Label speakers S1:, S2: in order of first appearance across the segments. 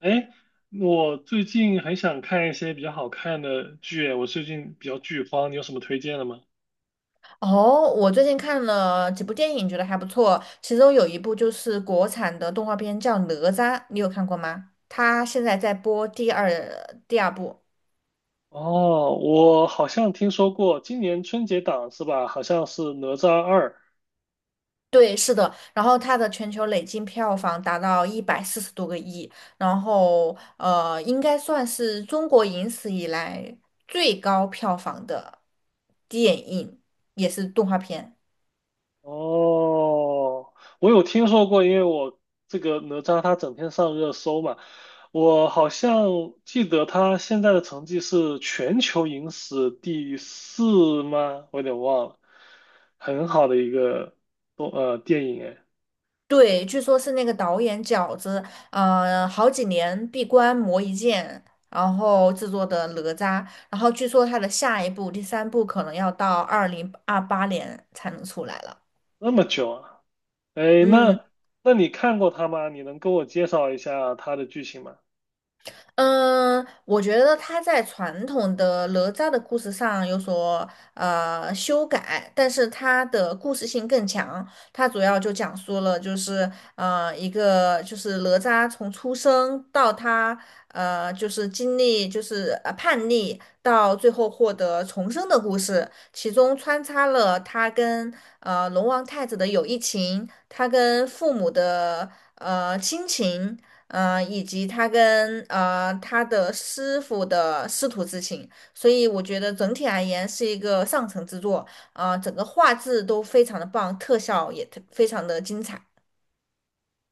S1: 哎，我最近很想看一些比较好看的剧，我最近比较剧荒，你有什么推荐的吗？
S2: 哦，我最近看了几部电影，觉得还不错。其中有一部就是国产的动画片，叫《哪吒》，你有看过吗？它现在在播第二部。
S1: 哦，我好像听说过今年春节档是吧？好像是《哪吒二》。
S2: 对，是的。然后它的全球累计票房达到140多个亿，然后应该算是中国影史以来最高票房的电影，也是动画片。
S1: 哦，我有听说过，因为我这个哪吒它整天上热搜嘛，我好像记得他现在的成绩是全球影史第四吗？我有点忘了，很好的一个动电影哎，
S2: 对，据说是那个导演饺子，呃，好几年闭关磨一剑，然后制作的哪吒，然后据说他的下一部第三部可能要到2028年才能出来了。
S1: 那么久啊！哎，
S2: 嗯。
S1: 那你看过他吗？你能跟我介绍一下他的剧情吗？
S2: 嗯，我觉得它在传统的哪吒的故事上有所修改，但是它的故事性更强。它主要就讲述了就是一个就是哪吒从出生到他就是经历就是叛逆到最后获得重生的故事，其中穿插了他跟龙王太子的友谊情，他跟父母的亲情。嗯，以及他跟他的师傅的师徒之情，所以我觉得整体而言是一个上乘之作，呃，整个画质都非常的棒，特效也特非常的精彩。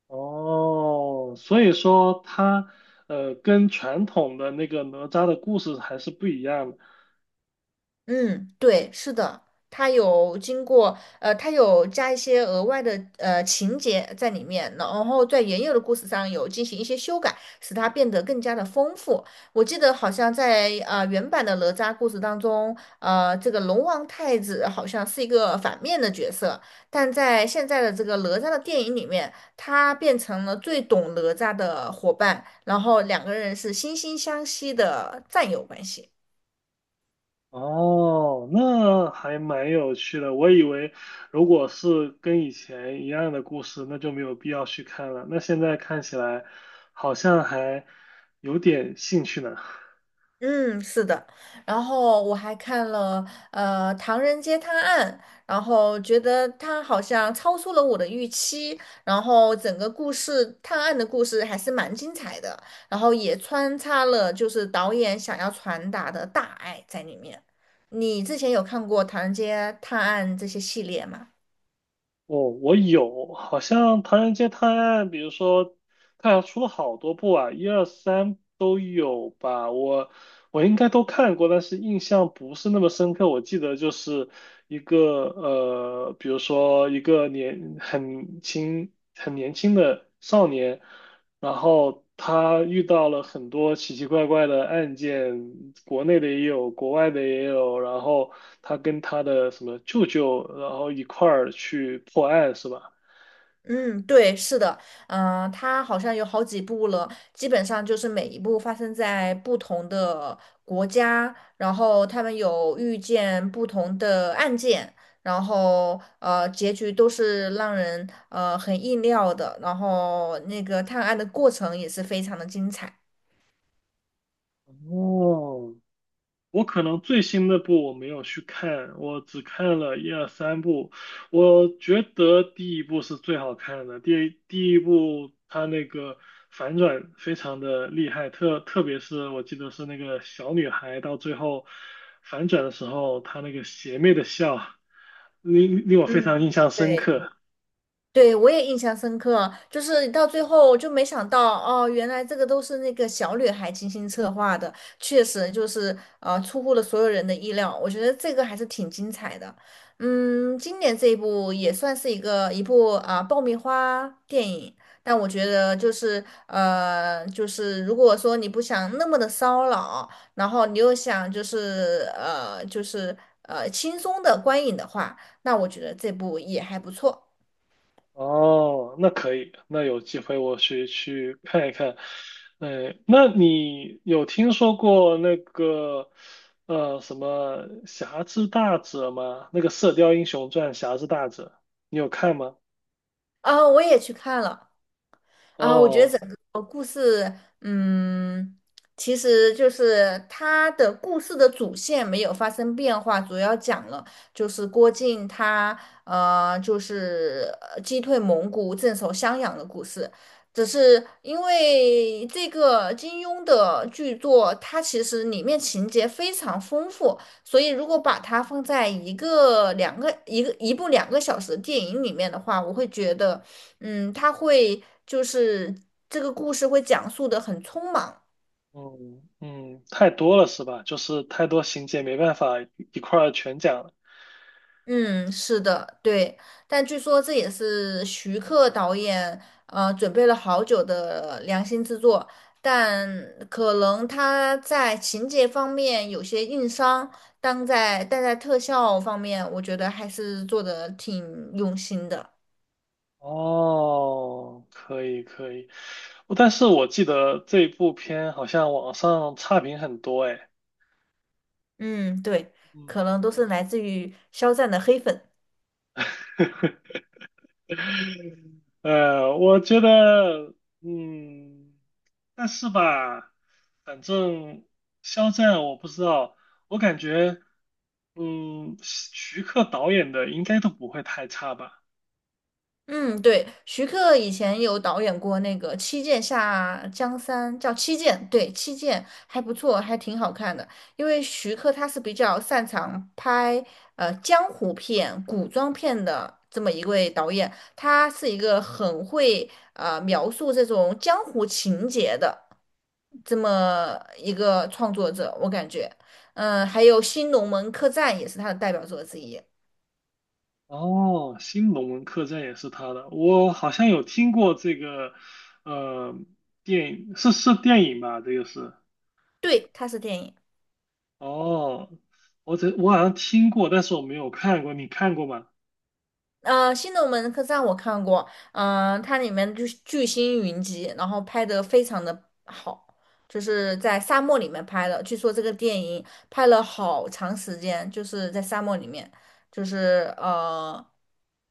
S1: 哦，所以说他跟传统的那个哪吒的故事还是不一样的。
S2: 嗯，对，是的，它有经过，呃，它有加一些额外的情节在里面，然后在原有的故事上有进行一些修改，使它变得更加的丰富。我记得好像在原版的哪吒故事当中，呃，这个龙王太子好像是一个反面的角色，但在现在的这个哪吒的电影里面，他变成了最懂哪吒的伙伴，然后两个人是惺惺相惜的战友关系。
S1: 哦，那还蛮有趣的。我以为如果是跟以前一样的故事，那就没有必要去看了。那现在看起来好像还有点兴趣呢。
S2: 嗯，是的，然后我还看了《唐人街探案》，然后觉得它好像超出了我的预期，然后整个故事探案的故事还是蛮精彩的，然后也穿插了就是导演想要传达的大爱在里面。你之前有看过《唐人街探案》这些系列吗？
S1: 哦，我有，好像《唐人街探案》，比如说，它好像出了好多部啊，一二三都有吧。我应该都看过，但是印象不是那么深刻。我记得就是一个比如说一个年很轻很年轻的少年，然后他遇到了很多奇奇怪怪的案件，国内的也有，国外的也有，然后他跟他的什么舅舅，然后一块儿去破案，是吧？
S2: 嗯，对，是的，嗯、它好像有好几部了，基本上就是每一部发生在不同的国家，然后他们有遇见不同的案件，然后结局都是让人很意料的，然后那个探案的过程也是非常的精彩。
S1: 哦，我可能最新的部我没有去看，我只看了一二三部。我觉得第一部是最好看的，第一部它那个反转非常的厉害，特别是我记得是那个小女孩到最后反转的时候，她那个邪魅的笑，令我非常
S2: 嗯，
S1: 印象深
S2: 对。
S1: 刻。
S2: 对，我也印象深刻，就是到最后就没想到哦，原来这个都是那个小女孩精心策划的，确实就是出乎了所有人的意料。我觉得这个还是挺精彩的。嗯，今年这一部也算是一部啊、爆米花电影，但我觉得就是如果说你不想那么的骚扰，然后你又想就是轻松的观影的话，那我觉得这部也还不错。
S1: 哦，那可以，那有机会我去看一看。哎，那你有听说过那个什么《侠之大者》吗？那个《射雕英雄传》《侠之大者》，你有看吗？
S2: 啊，我也去看了啊，我觉得
S1: 哦，
S2: 整个故事，嗯，其实就是它的故事的主线没有发生变化，主要讲了就是郭靖他就是击退蒙古、镇守襄阳的故事。只是因为这个金庸的巨作，它其实里面情节非常丰富，所以如果把它放在一个两个一个一部两个小时的电影里面的话，我会觉得。嗯，他会就是这个故事会讲述的很匆忙。
S1: 嗯嗯，太多了是吧？就是太多情节没办法一块儿全讲了。
S2: 嗯，是的，对。但据说这也是徐克导演准备了好久的良心之作，但可能他在情节方面有些硬伤，但在特效方面，我觉得还是做的挺用心的。
S1: 哦，可以可以，但是我记得这部片好像网上差评很多哎。
S2: 嗯，对，
S1: 嗯。
S2: 可能都是来自于肖战的黑粉。
S1: 我觉得，嗯，但是吧，反正肖战我不知道，我感觉，嗯，徐克导演的应该都不会太差吧。
S2: 嗯，对，徐克以前有导演过那个《七剑下江山》，叫《七剑》，对，《七剑》还不错，还挺好看的。因为徐克他是比较擅长拍江湖片、古装片的这么一位导演，他是一个很会描述这种江湖情节的这么一个创作者，我感觉，嗯、还有《新龙门客栈》也是他的代表作之一，
S1: 哦，《新龙门客栈》也是他的，我好像有听过这个，呃，电影是电影吧？这个是，
S2: 对，他是电影。
S1: 哦，我好像听过，但是我没有看过，你看过吗？
S2: 呃，《新龙门客栈》我看过，嗯、它里面就是巨星云集，然后拍的非常的好，就是在沙漠里面拍的。据说这个电影拍了好长时间，就是在沙漠里面，就是呃，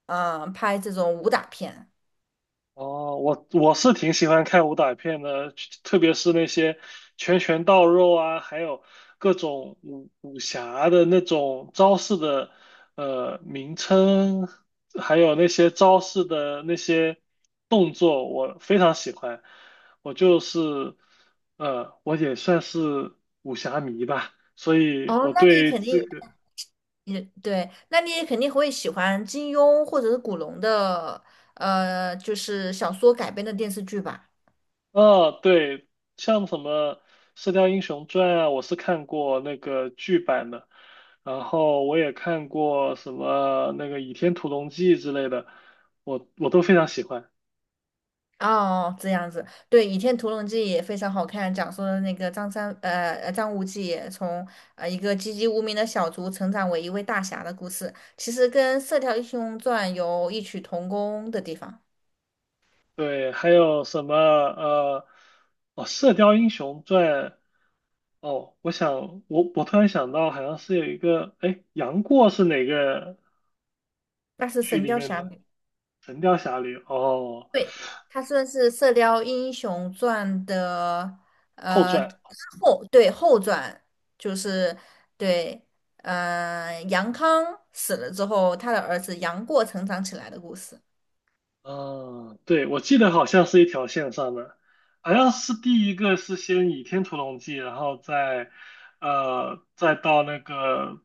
S2: 呃，拍这种武打片。
S1: 哦，我是挺喜欢看武打片的，特别是那些拳拳到肉啊，还有各种武侠的那种招式的名称，还有那些招式的那些动作，我非常喜欢。我就是我也算是武侠迷吧，所以
S2: 哦，
S1: 我
S2: 那你
S1: 对
S2: 肯
S1: 这
S2: 定
S1: 个。
S2: 也对，那你也肯定会喜欢金庸或者是古龙的，呃，就是小说改编的电视剧吧？
S1: 啊，对，像什么《射雕英雄传》啊，我是看过那个剧版的，然后我也看过什么那个《倚天屠龙记》之类的，我都非常喜欢。
S2: 哦，这样子，对，《倚天屠龙记》也非常好看，讲述了那个张三，呃，呃张无忌从一个籍籍无名的小卒成长为一位大侠的故事，其实跟《射雕英雄传》有异曲同工的地方，
S1: 对，还有什么哦，《射雕英雄传》，哦，我想我突然想到，好像是有一个，哎，杨过是哪个
S2: 那是
S1: 剧
S2: 《神
S1: 里
S2: 雕
S1: 面的？
S2: 侠侣》，
S1: 《神雕侠侣》哦，
S2: 对，它算是《射雕英雄传》的
S1: 后
S2: 呃，
S1: 传。
S2: 对，后传，就是对，呃，杨康死了之后，他的儿子杨过成长起来的故事。
S1: 嗯，对，我记得好像是一条线上的，好像是第一个是先倚天屠龙记，然后再，再到那个，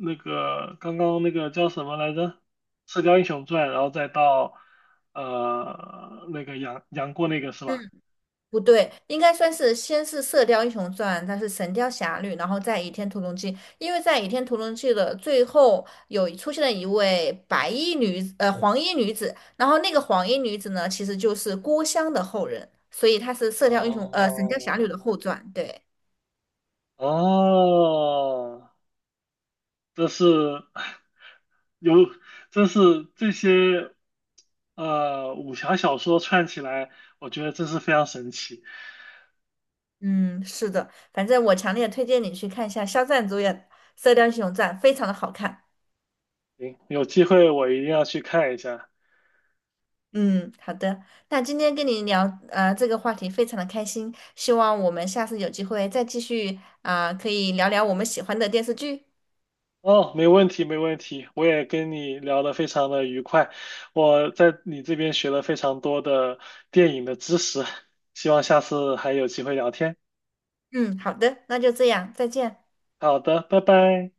S1: 那个刚刚那个叫什么来着，《射雕英雄传》，然后再到，那个杨过那个是
S2: 嗯。
S1: 吧？
S2: 不对，应该算是先是《射雕英雄传》，它是《神雕侠侣》，然后再《倚天屠龙记》。因为在《倚天屠龙记》的最后有出现了一位白衣女子，呃，黄衣女子。然后那个黄衣女子呢，其实就是郭襄的后人，所以她是《射雕英雄》呃《神雕侠侣》
S1: 哦，
S2: 的后传。对，
S1: 哦，这是。有，真是这些武侠小说串起来，我觉得真是非常神奇。
S2: 嗯，是的，反正我强烈推荐你去看一下肖战主演《射雕英雄传》，非常的好看。
S1: 行，有机会我一定要去看一下。
S2: 嗯，好的。那今天跟你聊这个话题非常的开心，希望我们下次有机会再继续啊、可以聊聊我们喜欢的电视剧。
S1: 哦，没问题，没问题。我也跟你聊得非常的愉快，我在你这边学了非常多的电影的知识，希望下次还有机会聊天。
S2: 嗯，好的，那就这样，再见。
S1: 好的，拜拜。